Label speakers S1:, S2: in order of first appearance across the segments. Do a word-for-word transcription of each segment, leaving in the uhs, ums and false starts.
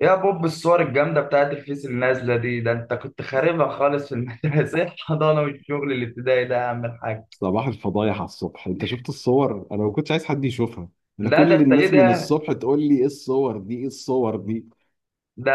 S1: يا بوب الصور الجامدة بتاعت الفيس النازلة دي، ده انت كنت خاربها خالص في المدرسة الحضانة والشغل الابتدائي ده يا عم الحاج.
S2: صباح الفضايح على الصبح. انت شفت الصور؟ انا ما كنتش عايز حد يشوفها. انا
S1: لا ده
S2: كل
S1: انت ايه
S2: الناس من
S1: ده؟
S2: الصبح تقول لي ايه الصور دي؟ ايه الصور دي؟
S1: ده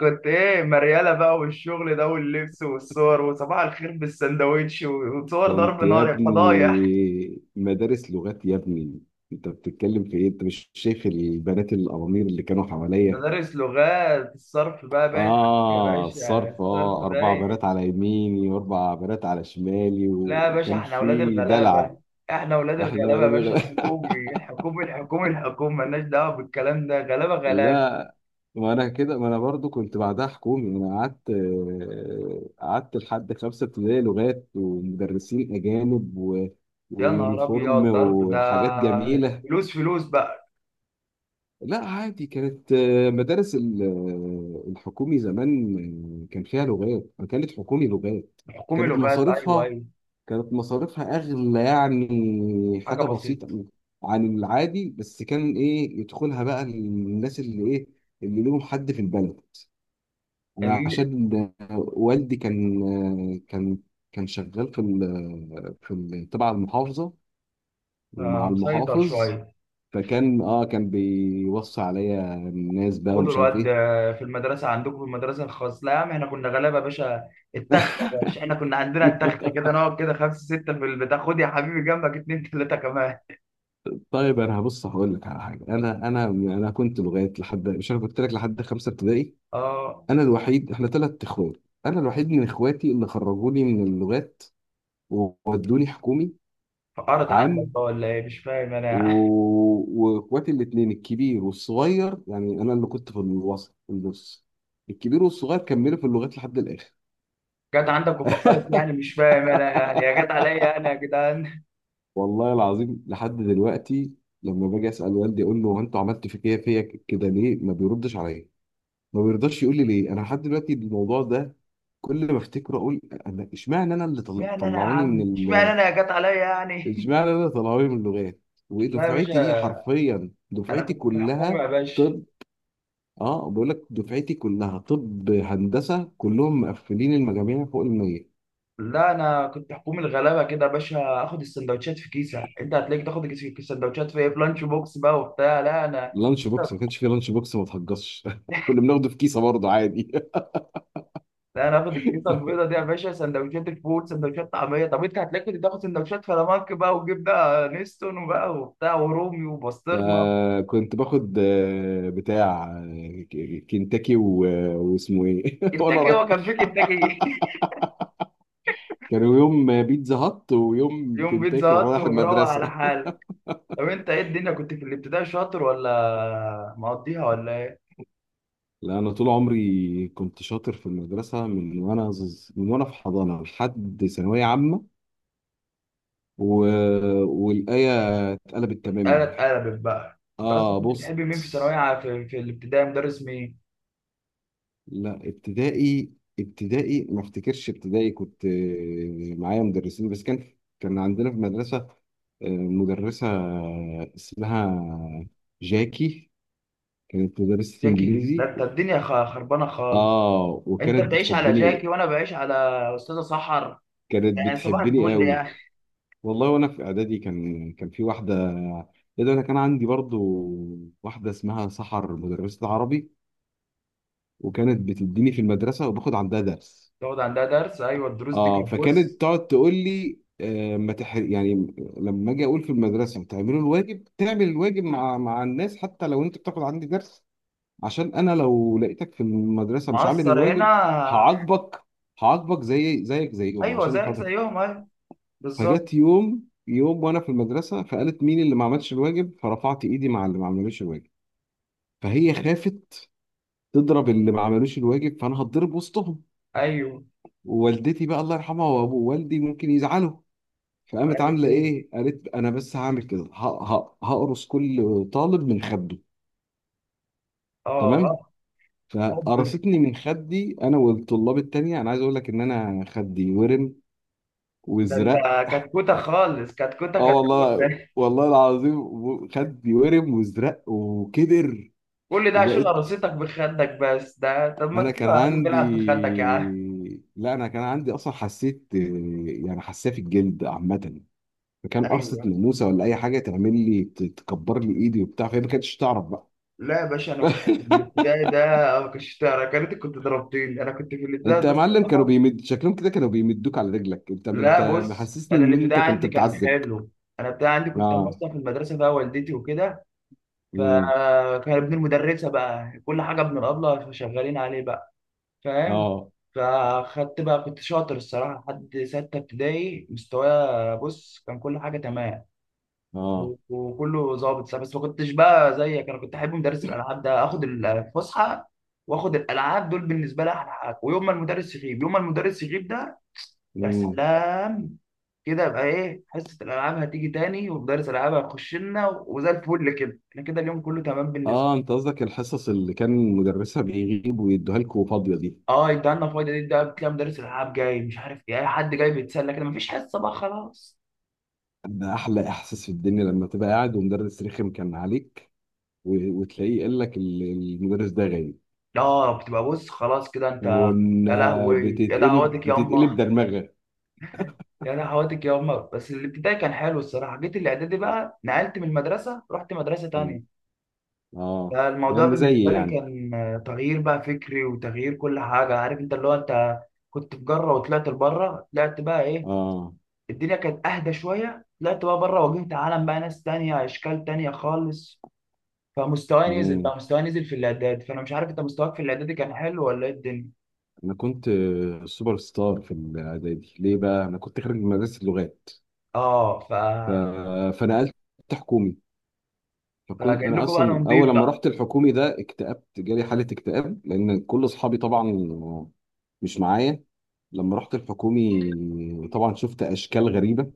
S1: كنت ايه مريالة بقى والشغل ده واللبس والصور وصباح الخير بالسندوتش و- وصور
S2: كنت
S1: ضرب
S2: يا
S1: نار يا فضايح.
S2: ابني مدارس لغات يا ابني. انت بتتكلم في ايه؟ انت مش شايف البنات القوامير اللي كانوا حواليا؟
S1: مدارس لغات الصرف بقى باين عليك. يا
S2: اه،
S1: باشا
S2: الصرف.
S1: الصرف
S2: اه، اربع
S1: باين.
S2: بنات على يميني واربع بنات على شمالي، و-
S1: لا يا باشا
S2: وكان
S1: احنا اولاد
S2: في
S1: الغلابة.
S2: دلع.
S1: احنا اولاد
S2: احنا
S1: الغلابة يا
S2: ولاد
S1: باشا،
S2: وغلا.
S1: الحكومي الحكومي الحكومي الحكومي مالناش دعوة بالكلام ده، غلابة غلابة.
S2: لا، ما انا كده، ما انا برضو كنت بعدها حكومي. انا قعدت، آه، قعدت لحد خمسه ابتدائي لغات ومدرسين اجانب و...
S1: يا نهار ابيض
S2: ويونيفورم
S1: ضرب ده.
S2: وحاجات جميله.
S1: فلوس فلوس بقى.
S2: لا، عادي. كانت آه، مدارس ال- آه، الحكومي زمان. آه، كان فيها لغات، كانت حكومي لغات.
S1: حكومي
S2: كانت
S1: لغات، ايوه
S2: مصاريفها
S1: ايوه.
S2: كانت مصاريفها اغلى، يعني
S1: حاجه
S2: حاجه
S1: بسيطه.
S2: بسيطه عن العادي. بس كان ايه، يدخلها بقى الناس اللي ايه، اللي لهم حد في البلد. انا
S1: اللي
S2: عشان والدي كان، كان كان شغال في ال في ال تبع المحافظه
S1: آه،
S2: ومع
S1: مسيطر
S2: المحافظ.
S1: شويه.
S2: فكان، اه كان بيوصي عليا الناس بقى
S1: خدوا
S2: ومش عارف
S1: الواد
S2: ايه.
S1: آه، في المدرسه عندكم في المدرسه الخاص، لا يا عم احنا كنا غلابه يا باشا. التخته يا باشا، احنا كنا عندنا التخته كده، نقعد كده خمسه سته في البتاع، خد يا حبيبي جنبك اتنين تلاته كمان.
S2: طيب، انا هبص هقول لك على حاجه. انا انا انا كنت لغايه لحد، مش انا قلت لك لحد خمسه ابتدائي.
S1: اه
S2: انا الوحيد، احنا ثلاث اخوات. انا الوحيد من اخواتي اللي خرجوني من اللغات وودوني حكومي.
S1: فقرت عندك
S2: عام.
S1: بقى ولا ايه؟ مش فاهم انا.
S2: و- واخواتي الاثنين الكبير والصغير، يعني انا اللي كنت في الوسط في النص. الكبير والصغير كملوا في اللغات لحد الاخر.
S1: جت عندك وفقرت يعني؟ مش فاهم انا يعني، يا جت عليا انا يا جدعان.
S2: والله العظيم، لحد دلوقتي لما باجي اسال والدي اقول له هو انتوا عملتوا في كده فيا كده ليه، ما بيردش عليا، ما بيرضاش يقول لي ليه. انا لحد دلوقتي الموضوع ده كل ما افتكره اقول انا اشمعنى انا اللي طل-
S1: اشمعنى انا يا
S2: طلعوني من
S1: عم، اشمعنى
S2: ال...
S1: انا يا جت عليا يعني.
S2: اشمعنى انا اللي طلعوني من اللغات؟
S1: لا يا
S2: ودفعتي، ايه،
S1: باشا
S2: حرفيا
S1: انا
S2: دفعتي
S1: كنت في حكومه يا
S2: كلها.
S1: باشا.
S2: طب، اه، بقول لك دفعتي كلها. طب هندسه كلهم مقفلين المجاميع فوق ال مية.
S1: لا انا كنت حكومه الغلابه كده يا باشا، اخد السندوتشات في كيسه، انت هتلاقيك تاخد الكيس- السندوتشات في ايه، في لانش بوكس بقى وبتاع. لا انا
S2: لانش بوكس؟ ما كانش فيه لانش بوكس، ما تهجصش. كنا بناخده في كيسه برضه عادي.
S1: لا انا اخد الكيسه البيضه دي يا باشا، سندوتشات الفول سندوتشات طعميه، طب انت هتلاقيك كنت تاخد سندوتشات فلامنك بقى وجبنه نستون وبقى وبتاع ورومي وبسطرمه.
S2: فكنت باخد آه، بتاع، آه، ك- كنتاكي و- واسمه ايه وانا
S1: كنتاكي؟
S2: رايح.
S1: هو كان في كنتاكي؟
S2: كانوا يوم بيتزا هات ويوم
S1: يوم بيتزا
S2: كنتاكي وانا
S1: هات
S2: رايح
S1: ومروق على
S2: المدرسه.
S1: حالك. طب انت ايه الدنيا، كنت في الابتدائي شاطر ولا مقضيها ولا؟
S2: لا، انا طول عمري كنت شاطر في المدرسه من وانا ز- من وانا في حضانه لحد ثانويه عامه و... والآية اتقلبت تماما.
S1: انا اتقلبت بقى، انت اصلا
S2: اه،
S1: كنت
S2: بص.
S1: بتحب مين في ثانويه عا-، في, في الابتدائي مدرس مين؟
S2: لا، ابتدائي ابتدائي ما افتكرش. ابتدائي كنت آه، معايا مدرسين، بس كان كان عندنا في المدرسة آه، مدرسة اسمها جاكي، كانت مدرسة
S1: جاكي؟ ده
S2: انجليزي.
S1: انت الدنيا خ- خربانه خالص.
S2: اه،
S1: انت
S2: وكانت
S1: بتعيش على جاكي
S2: بتحبني.
S1: وانا بعيش على استاذه سحر.
S2: كانت
S1: يعني صباح
S2: بتحبني
S1: الفل يعني.
S2: قوي. والله، وانا في اعدادي كان، كان في واحدة. ايه ده، انا كان عندي برضو واحدة اسمها سحر، مدرسة عربي، وكانت بتديني في المدرسة وباخد عندها درس.
S1: تقعد عندها درس، ايوه الدروس دي
S2: اه،
S1: كانت بص.
S2: فكانت تقعد تقول لي: آه ما تح... يعني لما اجي اقول في المدرسه تعملوا الواجب، تعمل الواجب مع مع الناس حتى لو انت بتاخد عندي درس، عشان انا لو لقيتك في المدرسه مش عامل
S1: معصر
S2: الواجب
S1: هنا.
S2: هعاقبك هعاقبك زي زيك زيهم،
S1: ايوه
S2: عشان
S1: زيك
S2: خاطر.
S1: زيهم ايوه. بالظبط.
S2: فجت يوم، يوم وانا في المدرسه فقالت مين اللي ما عملش الواجب، فرفعت ايدي مع اللي ما عملوش الواجب. فهي خافت تضرب اللي ما عملوش الواجب، فانا هتضرب وسطهم
S1: ايوه.
S2: ووالدتي بقى الله يرحمها وابو والدي ممكن يزعلوا. فقامت
S1: قالت
S2: عامله
S1: ايه؟
S2: ايه، قالت انا بس هعمل كده ه- ه- هقرص كل طالب من خده. تمام.
S1: اه. حب.
S2: فقرصتني من خدي انا والطلاب التانية. انا عايز اقول لك ان انا خدي ورم
S1: ده انت
S2: وازرق.
S1: كتكوته خالص، كتكوته
S2: اه،
S1: كتكوته
S2: والله والله العظيم، و- خدي ورم وازرق وكبر.
S1: كل ده عشان
S2: وبقيت،
S1: قراصتك بخدك بس ده؟ طب ما
S2: انا كان
S1: تسيبها يا عم
S2: عندي،
S1: تلعب في خدك يا عم.
S2: لا انا كان عندي اصلا، حسيت يعني حساسيه في الجلد عامه، فكان قرصه
S1: ايوه.
S2: ناموسه ولا اي حاجه تعمل لي ت- تكبر لي ايدي وبتاع، فهي ما كانتش تعرف بقى.
S1: لا يا باشا انا كنت في الابتدائي ده. ما كنتش تعرف-، يا ريت كنت ضربتني، انا كنت في الابتدائي
S2: انت
S1: ده
S2: يا معلم كانوا
S1: الصراحه.
S2: بيمد شكلهم كده، كانوا بيمدوك على رجلك انت
S1: لا
S2: انت
S1: بص
S2: محسسني
S1: انا
S2: ان انت
S1: الابتدائي
S2: كنت
S1: عندي كان
S2: بتعذب.
S1: حلو. انا الابتدائي عندي كنت انا
S2: اه.
S1: اصلا في المدرسه بقى والدتي وكده.
S2: امم
S1: فكان ابن المدرسه بقى كل حاجه، ابن الابله شغالين عليه بقى. فاهم.
S2: اه.
S1: فخدت بقى، كنت شاطر الصراحه لحد سته ابتدائي، مستوايا بص كان كل حاجه تمام.
S2: اه.
S1: وكله ظابط، لا، بس ما كنتش بقى زيك. انا كنت احب مدرس الالعاب ده اخد الفسحه، واخد الالعاب دول بالنسبه لي احلى حاجه، ويوم ما المدرس يغيب، يوم ما المدرس يغيب ده يا
S2: امم
S1: سلام. كده يبقى ايه، حصه الالعاب هتيجي تاني ومدرس الالعاب هيخش لنا وزي الفل كده، احنا كده اليوم كله تمام بالنسبه.
S2: اه. انت قصدك الحصص اللي كان مدرسها بيغيب ويدوها لكم فاضيه دي؟
S1: اه انت عندنا فايده دي، ده بتلاقي مدرس الالعاب جاي، مش عارف ايه، اي حد جاي بيتسلى كده، مفيش حصه بقى خلاص.
S2: ده احلى احساس في الدنيا، لما تبقى قاعد ومدرس رخم كان عليك و- وتلاقيه قال لك ال- المدرس ده غايب.
S1: لا بتبقى بص خلاص كده انت.
S2: وان
S1: يا لهوي يا
S2: بتتقلب،
S1: دعواتك يا امه.
S2: بتتقلب درمغه.
S1: يعني حوادث الجوامع. بس الابتدائي كان حلو الصراحه. جيت الاعدادي بقى، نقلت من المدرسه رحت مدرسه
S2: امم
S1: تانية،
S2: اه،
S1: فالموضوع
S2: يعني زي
S1: بالنسبه لي
S2: يعني.
S1: كان آه، تغيير بقى فكري وتغيير كل حاجه. عارف انت اللي هو انت كنت في جره وطلعت لبره. طلعت بقى ايه،
S2: اه،
S1: الدنيا كانت اهدى شويه، طلعت بقى بره، واجهت عالم بقى، ناس تانية اشكال تانية خالص. فمستواي نزل بقى، مستواي نزل في الاعداد. فانا مش عارف انت مستواك في الاعدادي كان حلو ولا ايه الدنيا.
S2: انا كنت سوبر ستار في الاعدادي. ليه بقى؟ انا كنت خارج من مدرسه اللغات،
S1: اه ف.
S2: ف... فنقلت حكومي. فكنت
S1: فجاي
S2: انا
S1: لكم بقى انا
S2: اصلا اول
S1: نضيف
S2: لما
S1: بقى.
S2: رحت الحكومي ده اكتئبت، جالي حاله اكتئاب لان كل اصحابي طبعا مش معايا. لما رحت الحكومي طبعا شفت اشكال غريبه،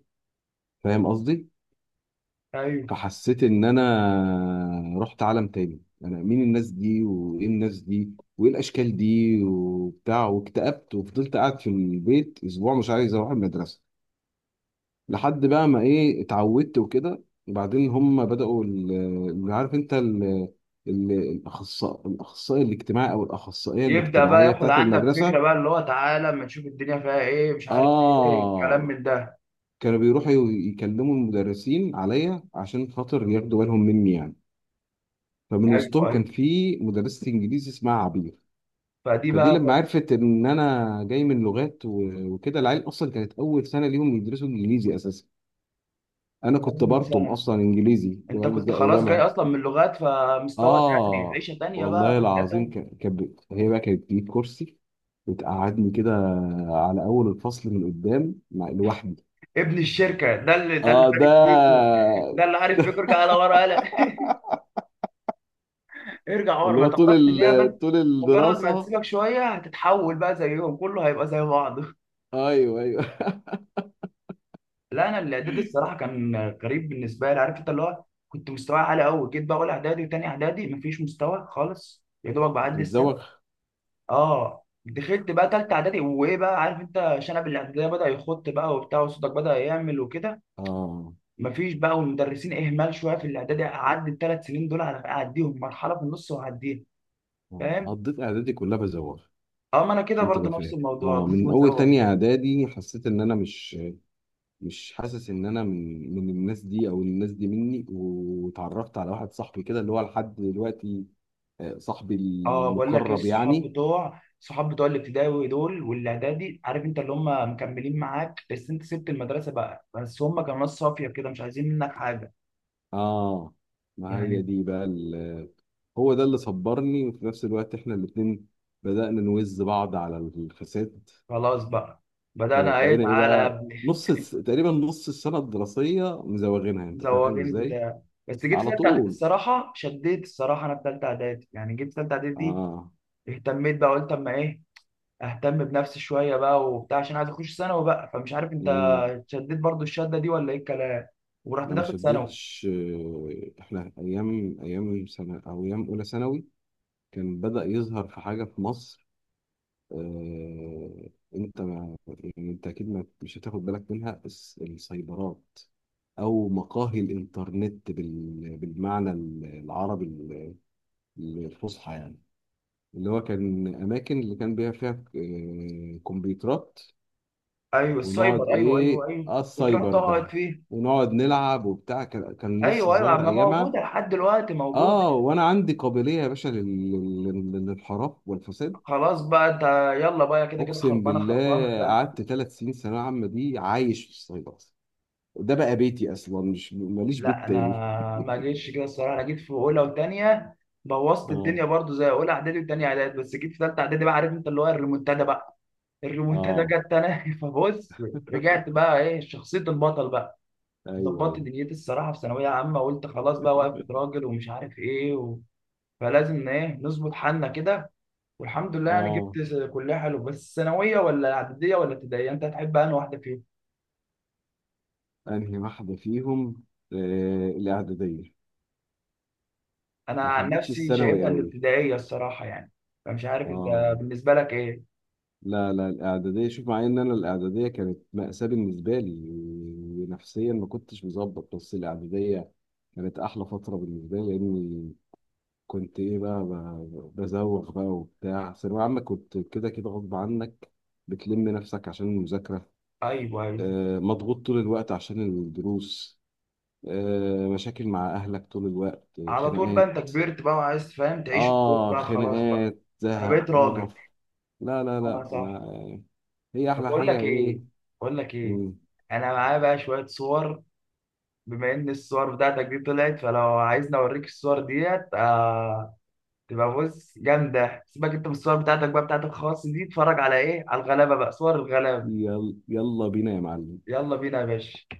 S2: فاهم قصدي؟
S1: ايوه
S2: فحسيت ان انا رحت عالم تاني. انا مين الناس دي؟ وايه الناس دي وايه الاشكال دي وبتاع، واكتئبت وفضلت قاعد في البيت اسبوع مش عايز اروح المدرسه لحد بقى ما، ايه، اتعودت وكده. وبعدين هم بدأوا ال- اللي عارف انت ال- ال- الاخصائي، الاخصائي الاجتماعي او الاخصائيه
S1: يبدأ بقى
S2: الاجتماعيه
S1: ياخد
S2: بتاعت
S1: عنك فكرة
S2: المدرسه.
S1: بقى، اللي هو تعالى اما نشوف الدنيا فيها ايه، مش عارف ايه، كلام
S2: اه،
S1: من ده.
S2: كانوا بيروحوا ي- يكلموا المدرسين عليا عشان خاطر ياخدوا بالهم مني يعني. فمن
S1: ايوه
S2: وسطهم كان
S1: ايوه.
S2: في مدرسه انجليزي اسمها عبير.
S1: فدي
S2: فدي
S1: بقى
S2: لما
S1: كانت
S2: عرفت ان انا جاي من لغات و- وكده، العيال اصلا كانت اول سنه ليهم يدرسوا انجليزي اساسا. انا كنت
S1: أول
S2: برطم
S1: سنة.
S2: اصلا انجليزي،
S1: انت
S2: فاهم
S1: كنت
S2: ازاي
S1: خلاص جاي
S2: ايامها.
S1: اصلا من لغات، فمستوى تاني،
S2: اه،
S1: عيشة تانية بقى،
S2: والله
S1: في حياة
S2: العظيم،
S1: تانية.
S2: ك- كانت بت- هي بقى كانت بتجيب كرسي وتقعدني كده على اول الفصل من قدام، مع لوحدي.
S1: ابن الشركة ده، اللي ده اللي
S2: اه،
S1: عارف
S2: ده
S1: بيكو. ده اللي عارف بيكو،
S2: ده
S1: ارجع على ورا قلق. ارجع ورا،
S2: اللي
S1: ما
S2: هو طول
S1: تعرفش ان هي بس.
S2: ال... طول
S1: مجرد ما
S2: الدراسه.
S1: هتسيبك شوية هتتحول بقى زيهم، كله هيبقى زي بعض.
S2: ايوه، ايوه.
S1: لا انا الاعدادي الصراحه كان غريب بالنسبه لي. عارف انت اللي هو كنت مستواي عالي قوي، جيت بقى اول اعدادي وتاني اعدادي مفيش مستوى خالص، يا دوبك
S2: كنت
S1: بعدي السنه.
S2: بتزوغ.
S1: اه دخلت بقى تالتة اعدادي، وايه بقى، عارف انت شنب الاعداديه بدا يخط بقى وبتاع، وصوتك بدا يعمل وكده.
S2: اه.
S1: مفيش بقى، والمدرسين اهمال شويه في الاعدادي، اعدي الثلاث سنين دول على اعديهم، مرحله في النص واعديها.
S2: آه.
S1: فاهم.
S2: قضيت اعدادي كلها بزوغ،
S1: اما انا كده
S2: عشان
S1: برضه
S2: تبقى
S1: نفس
S2: فاهم.
S1: الموضوع،
S2: اه
S1: ضيف
S2: من اول تانية
S1: وزوغ.
S2: اعدادي حسيت ان انا مش، مش حاسس ان انا من من الناس دي، او الناس دي مني، واتعرفت على واحد صاحبي كده اللي هو لحد دلوقتي آه، صاحبي
S1: اه بقول لك ايه،
S2: المقرب
S1: الصحاب
S2: يعني.
S1: بتوع، صحاب بتوع الابتدائي دول والاعدادي، عارف انت اللي هم مكملين معاك بس انت سبت المدرسه بقى، بس هم كانوا ناس صافيه كده مش عايزين منك حاجه
S2: اه، ما هي
S1: يعني.
S2: دي بقى ال- هو ده اللي صبرني، وفي نفس الوقت احنا الاتنين بدأنا نوز بعض على الفساد.
S1: خلاص بقى. بدأنا ايه،
S2: فبقينا ايه
S1: تعالى يا
S2: بقى
S1: ابني.
S2: نص الس- تقريبا نص السنة الدراسية مزوغينها، انت فاهم
S1: زوغين
S2: ازاي؟
S1: بتاع. بس جيت في
S2: على
S1: ثالثه اعدادي
S2: طول.
S1: الصراحه شديت الصراحه، انا في ثالثه اعدادي يعني، جيت في ثالثه اعدادي دي
S2: اه.
S1: اهتميت بقى، قلت اما ايه اهتم بنفسي شويه بقى وبتاع، عشان عايز اخش ثانوي بقى، فمش عارف انت
S2: امم
S1: شديت برضو الشده دي ولا ايه الكلام. ورحت
S2: لا، ما
S1: داخل ثانوي.
S2: شدتش. آه، احنا ايام، ايام سنة، او ايام اولى ثانوي كان بدأ يظهر في حاجة في مصر. آه، انت، ما يعني انت اكيد ما مش هتاخد بالك منها، الس- السايبرات او مقاهي الانترنت بال- بالمعنى ال- العربي ال- الفصحى يعني. اللي هو كان اماكن اللي كان بيها فيها آه، كمبيوترات،
S1: ايوه
S2: ونقعد
S1: السايبر ايوه ايوه
S2: ايه،
S1: ايوه.
S2: اه
S1: وتروح
S2: السايبر
S1: تقعد
S2: ده،
S1: فيه.
S2: ونقعد نلعب وبتاع. كان، كان لسه
S1: ايوه ايوه،
S2: صغير
S1: ما موجوده
S2: ايامها.
S1: لحد دلوقتي موجوده.
S2: اه، وانا عندي قابليه يا باشا لل- لل- للانحراف والفساد.
S1: خلاص بقى انت. يلا بقى كده كده
S2: اقسم
S1: خربانه خربانه
S2: بالله،
S1: بقى.
S2: قعدت ثلاث سنين ثانويه عامه دي عايش في الصعيد اصلا، ده بقى بيتي اصلا، مش ماليش
S1: لا
S2: بيت
S1: انا
S2: تاني.
S1: ما جيتش كده الصراحه، انا جيت في اولى وثانيه بوظت
S2: اه.
S1: الدنيا برضو زي اولى اعدادي وثانيه اعدادي، بس جيت في ثالثه اعدادي بقى عارف انت اللي هو الريمونتادا بقى. الريمونتادا
S2: اه.
S1: جت انا. فبص رجعت بقى ايه شخصيه البطل بقى.
S2: ايوه،
S1: ظبطت
S2: ايوه.
S1: دنيتي الصراحه في ثانويه عامه، قلت خلاص بقى وقفت راجل ومش عارف ايه و... فلازم ايه نظبط حالنا كده. والحمد لله يعني
S2: اه.
S1: جبت. كلها حلو، بس ثانويه ولا اعداديه ولا ابتدائيه، انت هتحب انهي واحده فيهم؟
S2: انهي واحده فيهم؟ آه الاعداديه.
S1: انا
S2: ما
S1: عن
S2: حبيتش
S1: نفسي
S2: الثانوي
S1: شايفها
S2: قوي.
S1: الابتدائيه الصراحه يعني. فمش عارف انت
S2: اه.
S1: بالنسبه لك ايه.
S2: لا، لا، الاعداديه، شوف، مع ان انا الاعداديه كانت مأساة بالنسبه لي ونفسيا ما كنتش مظبط، بس الاعداديه كانت احلى فتره بالنسبه لي، لاني كنت ايه بقى، ب- بزوغ بقى وبتاع. ثانوية عامة كنت كده كده غصب عنك بتلم نفسك عشان المذاكرة.
S1: ايوه ايوه.
S2: آه، مضغوط طول الوقت عشان الدروس. آه، مشاكل مع أهلك طول الوقت، آه،
S1: على طول بقى
S2: خناقات.
S1: انت كبرت بقى وعايز فاهم تعيش الدور
S2: آه
S1: بقى خلاص بقى.
S2: خناقات،
S1: انا
S2: زهق،
S1: بقيت راجل.
S2: قرف. لا، لا،
S1: انا
S2: لا. ما
S1: صح.
S2: هي
S1: طب
S2: أحلى
S1: بقول
S2: حاجة
S1: لك ايه،
S2: إيه.
S1: بقول لك ايه،
S2: مم.
S1: انا معايا بقى شويه صور، بما ان الصور بتاعتك دي طلعت، فلو عايزني اوريك الصور ديت آه، تبقى بص جامدة. سيبك انت من الصور بتاعتك بقى بتاعت الخاص دي، اتفرج على ايه، على الغلابة بقى، صور الغلابة.
S2: يلا، يلا بينا يا معلم.
S1: يلا بينا يا باشا.